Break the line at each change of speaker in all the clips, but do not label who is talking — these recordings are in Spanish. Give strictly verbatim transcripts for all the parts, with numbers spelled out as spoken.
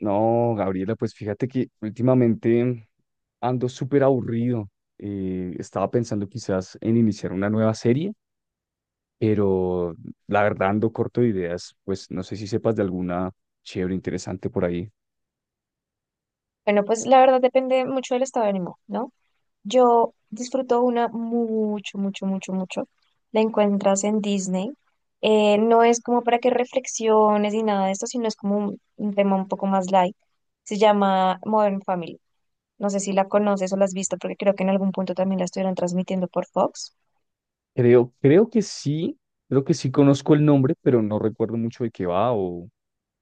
No, Gabriela, pues fíjate que últimamente ando súper aburrido. Eh, estaba pensando quizás en iniciar una nueva serie, pero la verdad ando corto de ideas. Pues no sé si sepas de alguna chévere, interesante por ahí.
Bueno, pues la verdad depende mucho del estado de ánimo, ¿no? Yo disfruto una mucho, mucho, mucho, mucho. La encuentras en Disney. Eh, no es como para que reflexiones ni nada de esto, sino es como un, un tema un poco más light. Se llama Modern Family. No sé si la conoces o la has visto, porque creo que en algún punto también la estuvieron transmitiendo por Fox.
Creo, creo que sí, creo que sí conozco el nombre, pero no recuerdo mucho de qué va o,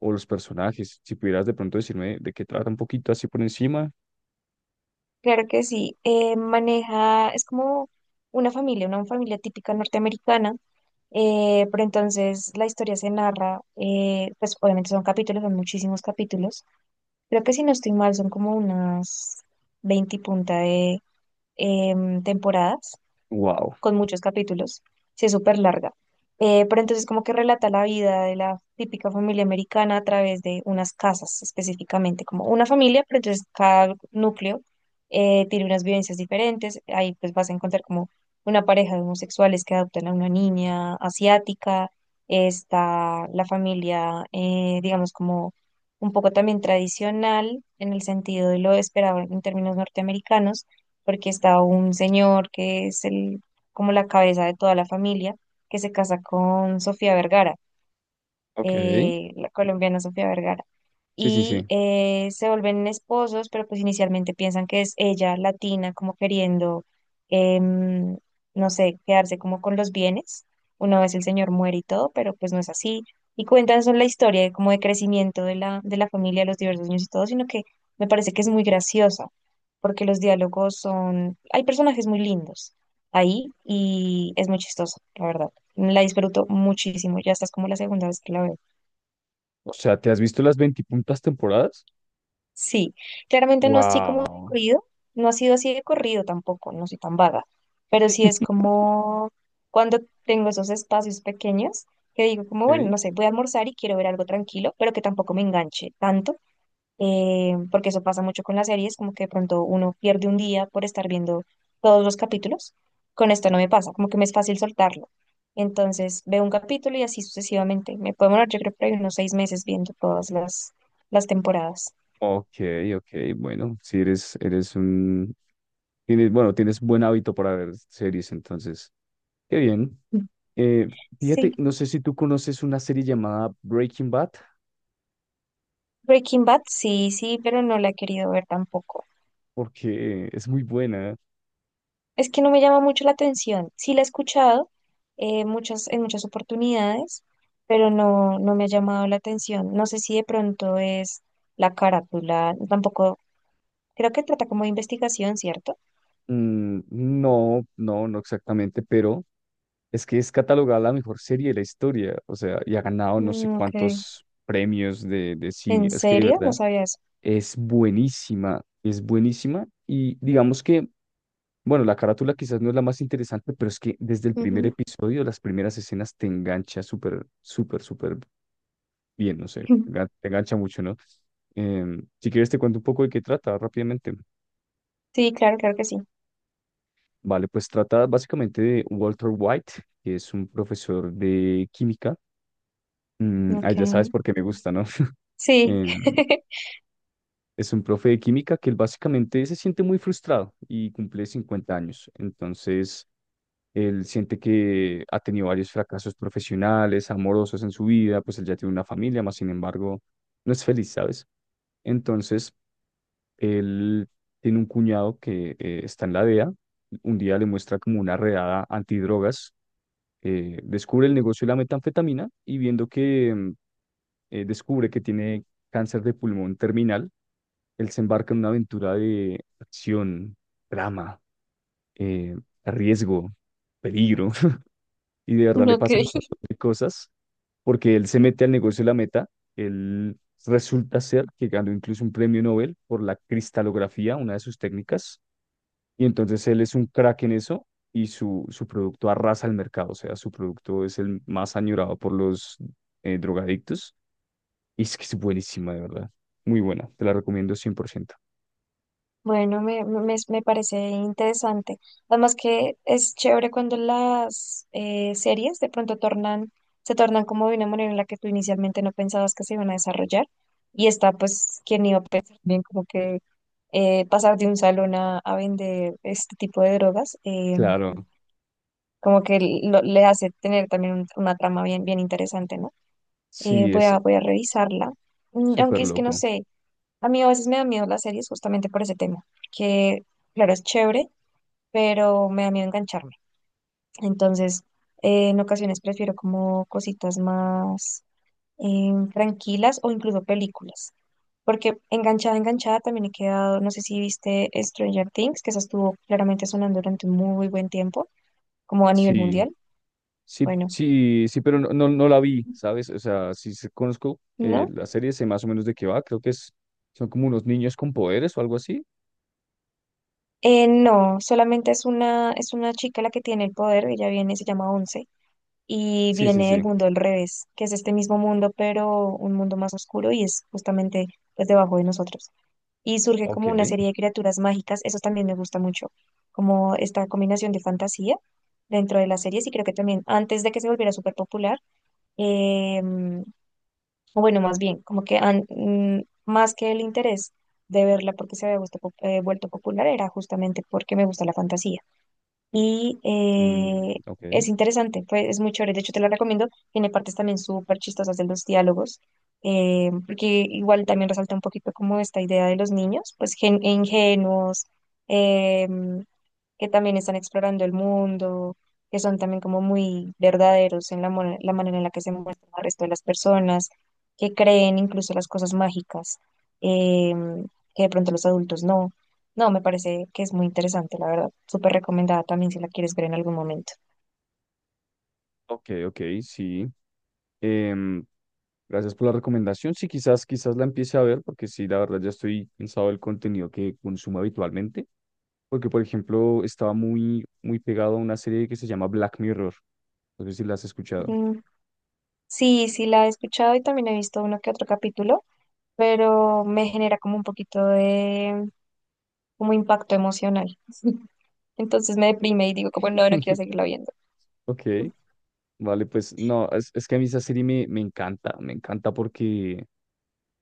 o los personajes. Si pudieras de pronto decirme de qué trata un poquito así por encima.
Claro que sí. Eh, maneja, es como una familia, una familia típica norteamericana. Eh, pero entonces la historia se narra, eh, pues obviamente son capítulos, son muchísimos capítulos. Creo que si no estoy mal, son como unas veinte y punta de em, temporadas
Wow.
con muchos capítulos, sí es súper larga. Eh, pero entonces como que relata la vida de la típica familia americana a través de unas casas específicamente, como una familia, pero entonces cada núcleo eh, tiene unas vivencias diferentes. Ahí pues vas a encontrar como una pareja de homosexuales que adoptan a una niña asiática, está la familia, eh, digamos, como un poco también tradicional en el sentido de lo esperado en términos norteamericanos, porque está un señor que es el como la cabeza de toda la familia, que se casa con Sofía Vergara.
Ok.
Eh, la colombiana Sofía Vergara.
Sí, sí,
Y
sí.
eh, se vuelven esposos, pero pues inicialmente piensan que es ella latina, como queriendo, em, no sé, quedarse como con los bienes. Una vez el señor muere y todo, pero pues no es así. Y cuentan son la historia de, como de crecimiento de la, de la familia, los diversos niños y todo, sino que me parece que es muy graciosa, porque los diálogos son, hay personajes muy lindos ahí y es muy chistoso, la verdad. La disfruto muchísimo, ya estás como la segunda vez que la veo.
O sea, ¿te has visto las veintipuntas temporadas?
Sí, claramente no así como de
Wow.
corrido, no ha sido así de corrido tampoco, no soy tan vaga, pero sí es como cuando tengo esos espacios pequeños que digo como, bueno,
Ok,
no sé, voy a almorzar y quiero ver algo tranquilo, pero que tampoco me enganche tanto eh, porque eso pasa mucho con las series, como que de pronto uno pierde un día por estar viendo todos los capítulos. Con esto no me pasa, como que me es fácil soltarlo. Entonces veo un capítulo y así sucesivamente. Me puedo demorar, yo creo por ahí unos seis meses viendo todas las, las temporadas.
ok, ok, bueno, si eres, eres un, tienes, bueno, tienes buen hábito para ver series, entonces, qué bien. Eh,
Sí,
Fíjate, no sé si tú conoces una serie llamada Breaking Bad,
Breaking Bad, sí, sí, pero no la he querido ver tampoco.
porque es muy buena.
Es que no me llama mucho la atención. Sí la he escuchado eh, muchas, en muchas oportunidades, pero no, no me ha llamado la atención. No sé si de pronto es la carátula, tampoco, creo que trata como de investigación, ¿cierto?
Mm, no, no, no exactamente, pero es que es catalogada la mejor serie de la historia, o sea, y ha ganado no sé
Mm, ok.
cuántos premios de, de cine,
¿En
es que de
serio? No
verdad
sabía eso.
es buenísima, es buenísima, y digamos que bueno, la carátula quizás no es la más interesante, pero es que desde el primer
Ujú.
episodio, las primeras escenas te engancha súper, súper, súper bien, no sé, engan- te engancha mucho, ¿no? Em, si quieres te cuento un poco de qué trata rápidamente.
Sí, claro, claro que sí.
Vale, pues trata básicamente de Walter White, que es un profesor de química. Mm, ah,
Ok.
ya sabes por qué me gusta, ¿no?
Sí.
Em, es un profe de química que él básicamente se siente muy frustrado y cumple cincuenta años. Entonces él siente que ha tenido varios fracasos profesionales, amorosos en su vida, pues él ya tiene una familia, más sin embargo, no es feliz, ¿sabes? Entonces, él tiene un cuñado que eh, está en la D E A, un día le muestra como una redada antidrogas, eh, descubre el negocio de la metanfetamina y viendo que mm, eh, descubre que tiene cáncer de pulmón terminal, él se embarca en una aventura de acción, drama, eh, riesgo, peligro, y de verdad le
Ok.
pasan un montón de cosas porque él se mete al negocio de la meta. Él resulta ser que ganó incluso un premio Nobel por la cristalografía, una de sus técnicas, y entonces él es un crack en eso y su, su producto arrasa el mercado, o sea, su producto es el más añorado por los eh, drogadictos y es que es buenísima, de verdad, muy buena, te la recomiendo cien por ciento.
Bueno, me, me, me parece interesante. Además que es chévere cuando las eh, series de pronto tornan, se tornan como de una manera en la que tú inicialmente no pensabas que se iban a desarrollar. Y está, pues, quien iba a pensar bien como que eh, pasar de un salón a, a vender este tipo de drogas, eh,
Claro,
como que lo- le hace tener también un- una trama bien, bien interesante, ¿no? Eh,
sí,
voy
es
a, voy a revisarla. Mm,
súper
Aunque es que no
loco,
sé. A mí a veces me da miedo las series justamente por ese tema, que claro, es chévere, pero me da miedo engancharme. Entonces, eh, en ocasiones prefiero como cositas más em, tranquilas o incluso películas, porque enganchada, enganchada también he quedado, no sé si viste Stranger Things, que esa estuvo claramente sonando durante un muy buen tiempo, como a nivel
sí.
mundial.
Sí,
Bueno,
sí, sí, pero no, no, no la vi, ¿sabes? O sea, sí se- conozco eh,
¿no?
la serie, sé más o menos de qué va, creo que es, son como unos niños con poderes o algo así.
Eh, no, solamente es una, es una chica la que tiene el poder, ella viene, se llama Once y
Sí, sí,
viene el
sí.
mundo al revés, que es este mismo mundo, pero un mundo más oscuro y es justamente pues debajo de nosotros. Y surge
Ok.
como una serie de criaturas mágicas, eso también me gusta mucho, como esta combinación de fantasía dentro de las series y creo que también antes de que se volviera súper popular, eh, o bueno, más bien, como que an- mm, más que el interés de verla porque se había vuesto pop- eh, vuelto popular era justamente porque me gusta la fantasía y eh,
Mm, ok,
es interesante, pues es muy chévere, de hecho te lo recomiendo, tiene partes también súper chistosas de los diálogos, eh, porque igual también resalta un poquito como esta idea de los niños, pues gen- ingenuos, em, que también están explorando el mundo, que son también como muy verdaderos en la, mo- la manera en la que se muestran al resto de las personas, que creen incluso las cosas mágicas, em, que de pronto los adultos no. No, me parece que es muy interesante, la verdad. Súper recomendada también si la quieres ver en algún momento.
ok, ok, sí. Em, Gracias por la recomendación. Sí, quizás, quizás la empiece a ver, porque sí, la verdad ya estoy cansado del contenido que consumo habitualmente. Porque, por ejemplo, estaba muy, muy pegado a una serie que se llama Black Mirror. No sé si la has escuchado.
Mm, sí, sí la he escuchado y también he visto uno que otro capítulo, pero me genera como un poquito de como impacto emocional. Entonces me deprime y digo como no, no quiero seguirla viendo.
Ok. Vale, pues no, es, es que a mí esa serie me, me encanta, me encanta porque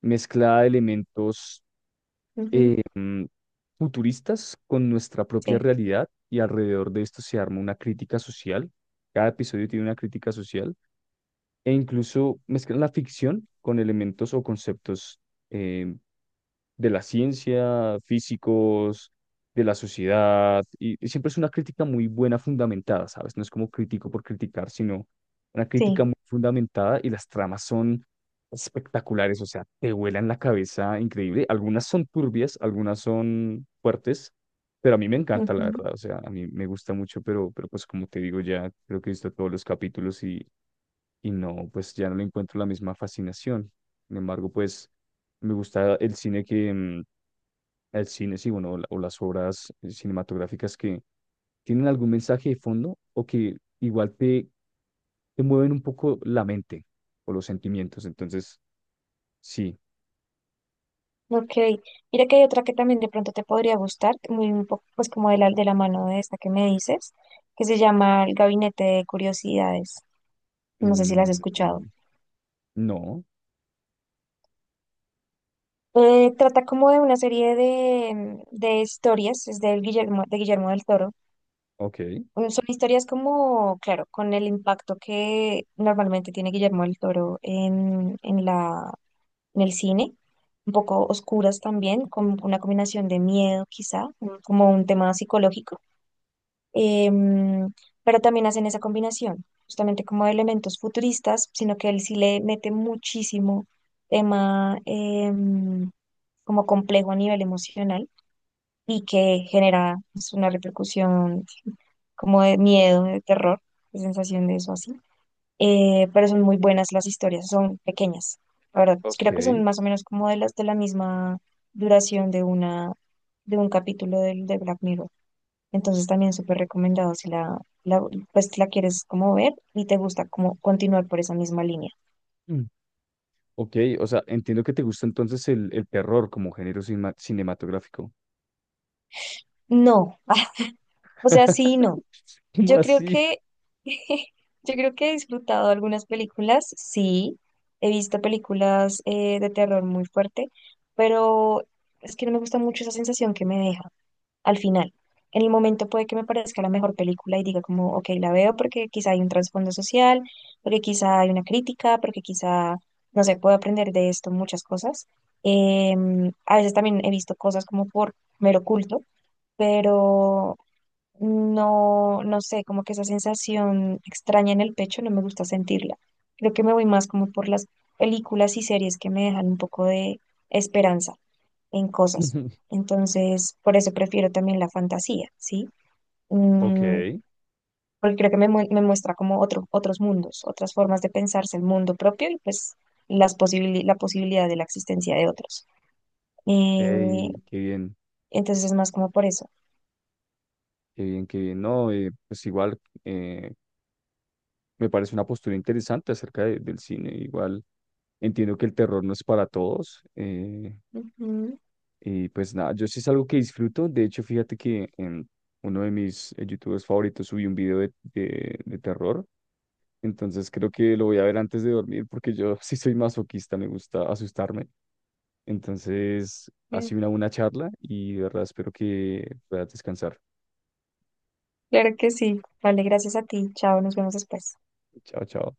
mezcla elementos
Ujú,
futuristas con nuestra propia
sí.
realidad y alrededor de esto se arma una crítica social. Cada episodio tiene una crítica social e incluso mezclan la ficción con elementos o conceptos eh, de la ciencia, físicos, de la sociedad, y, y siempre es una crítica muy buena, fundamentada, ¿sabes? No es como crítico por criticar, sino una crítica
Sí.
muy fundamentada y las tramas son espectaculares, o sea, te vuelan la cabeza increíble. Algunas son turbias, algunas son fuertes, pero a mí me encanta, la
Ujú,
verdad, o sea, a mí me gusta mucho, pero, pero pues como te digo, ya creo que he visto todos los capítulos y y no, pues ya no le encuentro la misma fascinación. Sin embargo, pues me gusta el cine que, mm, el cine, sí, bueno, o la- o las obras eh, cinematográficas que tienen algún mensaje de fondo o que igual te, te mueven un poco la mente o los sentimientos. Entonces, sí,
ok. Mira que hay otra que también de pronto te podría gustar, muy un poco, pues como de la, de la mano de esta que me dices, que se llama El Gabinete de Curiosidades. No sé si la has escuchado.
mm, no,
Eh, trata como de una serie de, de historias, es del Guillermo, de Guillermo del Toro.
ok,
Mm, Son historias como, claro, con el impacto que normalmente tiene Guillermo del Toro en, en la, en el cine, un poco oscuras también, con una combinación de miedo quizá, un- como un tema psicológico, em, pero también hacen esa combinación, justamente como de elementos futuristas, sino que él sí le mete muchísimo tema em, como complejo a nivel emocional y que genera pues, una repercusión como de miedo, de terror, de sensación de eso así eh, pero son muy buenas las historias, son pequeñas, la verdad. Creo que son
ok.
más o menos como de las de la misma duración de una, de un capítulo del de Black Mirror. Entonces también súper recomendado si la, la, pues la quieres como ver y te gusta como continuar por esa misma línea.
Mm, ok, o sea, entiendo que te gusta entonces el, el terror como género cinema- cinematográfico.
No, o sea, sí y no.
¿Cómo
Yo creo
así?
que, yo creo que he disfrutado algunas películas, sí, he visto películas eh, de terror muy fuerte, pero es que no me gusta mucho esa sensación que me deja al final. En el momento puede que me parezca la mejor película y diga como, ok, la veo porque quizá hay un trasfondo social, porque quizá hay una crítica, porque quizá, no sé, puedo aprender de esto muchas cosas. Em, a veces también he visto cosas como por mero culto, pero no, no sé, como que esa sensación extraña en el pecho no me gusta sentirla. Creo que me voy más como por las películas y series que me dejan un poco de esperanza en cosas. Entonces, por eso prefiero también la fantasía, ¿sí?
Ok,
Mm,
ey,
porque creo que me, mu- me muestra como otro, otros mundos, otras formas de pensarse el mundo propio y pues las posibili- la posibilidad de la existencia de otros. Eh,
qué bien,
entonces es más como por eso.
qué bien, qué bien. No, eh, pues igual eh, me parece una postura interesante acerca de- del cine. Igual entiendo que el terror no es para todos. Eh,
Ujú.
y pues nada, yo sí es algo que disfruto. De hecho, fíjate que en uno de mis eh, youtubers favoritos subí un video de, de, de terror. Entonces creo que lo voy a ver antes de dormir porque yo sí soy masoquista, me gusta asustarme. Entonces, ha sido una buena charla y de verdad espero que puedas descansar.
Claro que sí. Vale, gracias a ti. Chao, nos vemos después.
Chao, chao.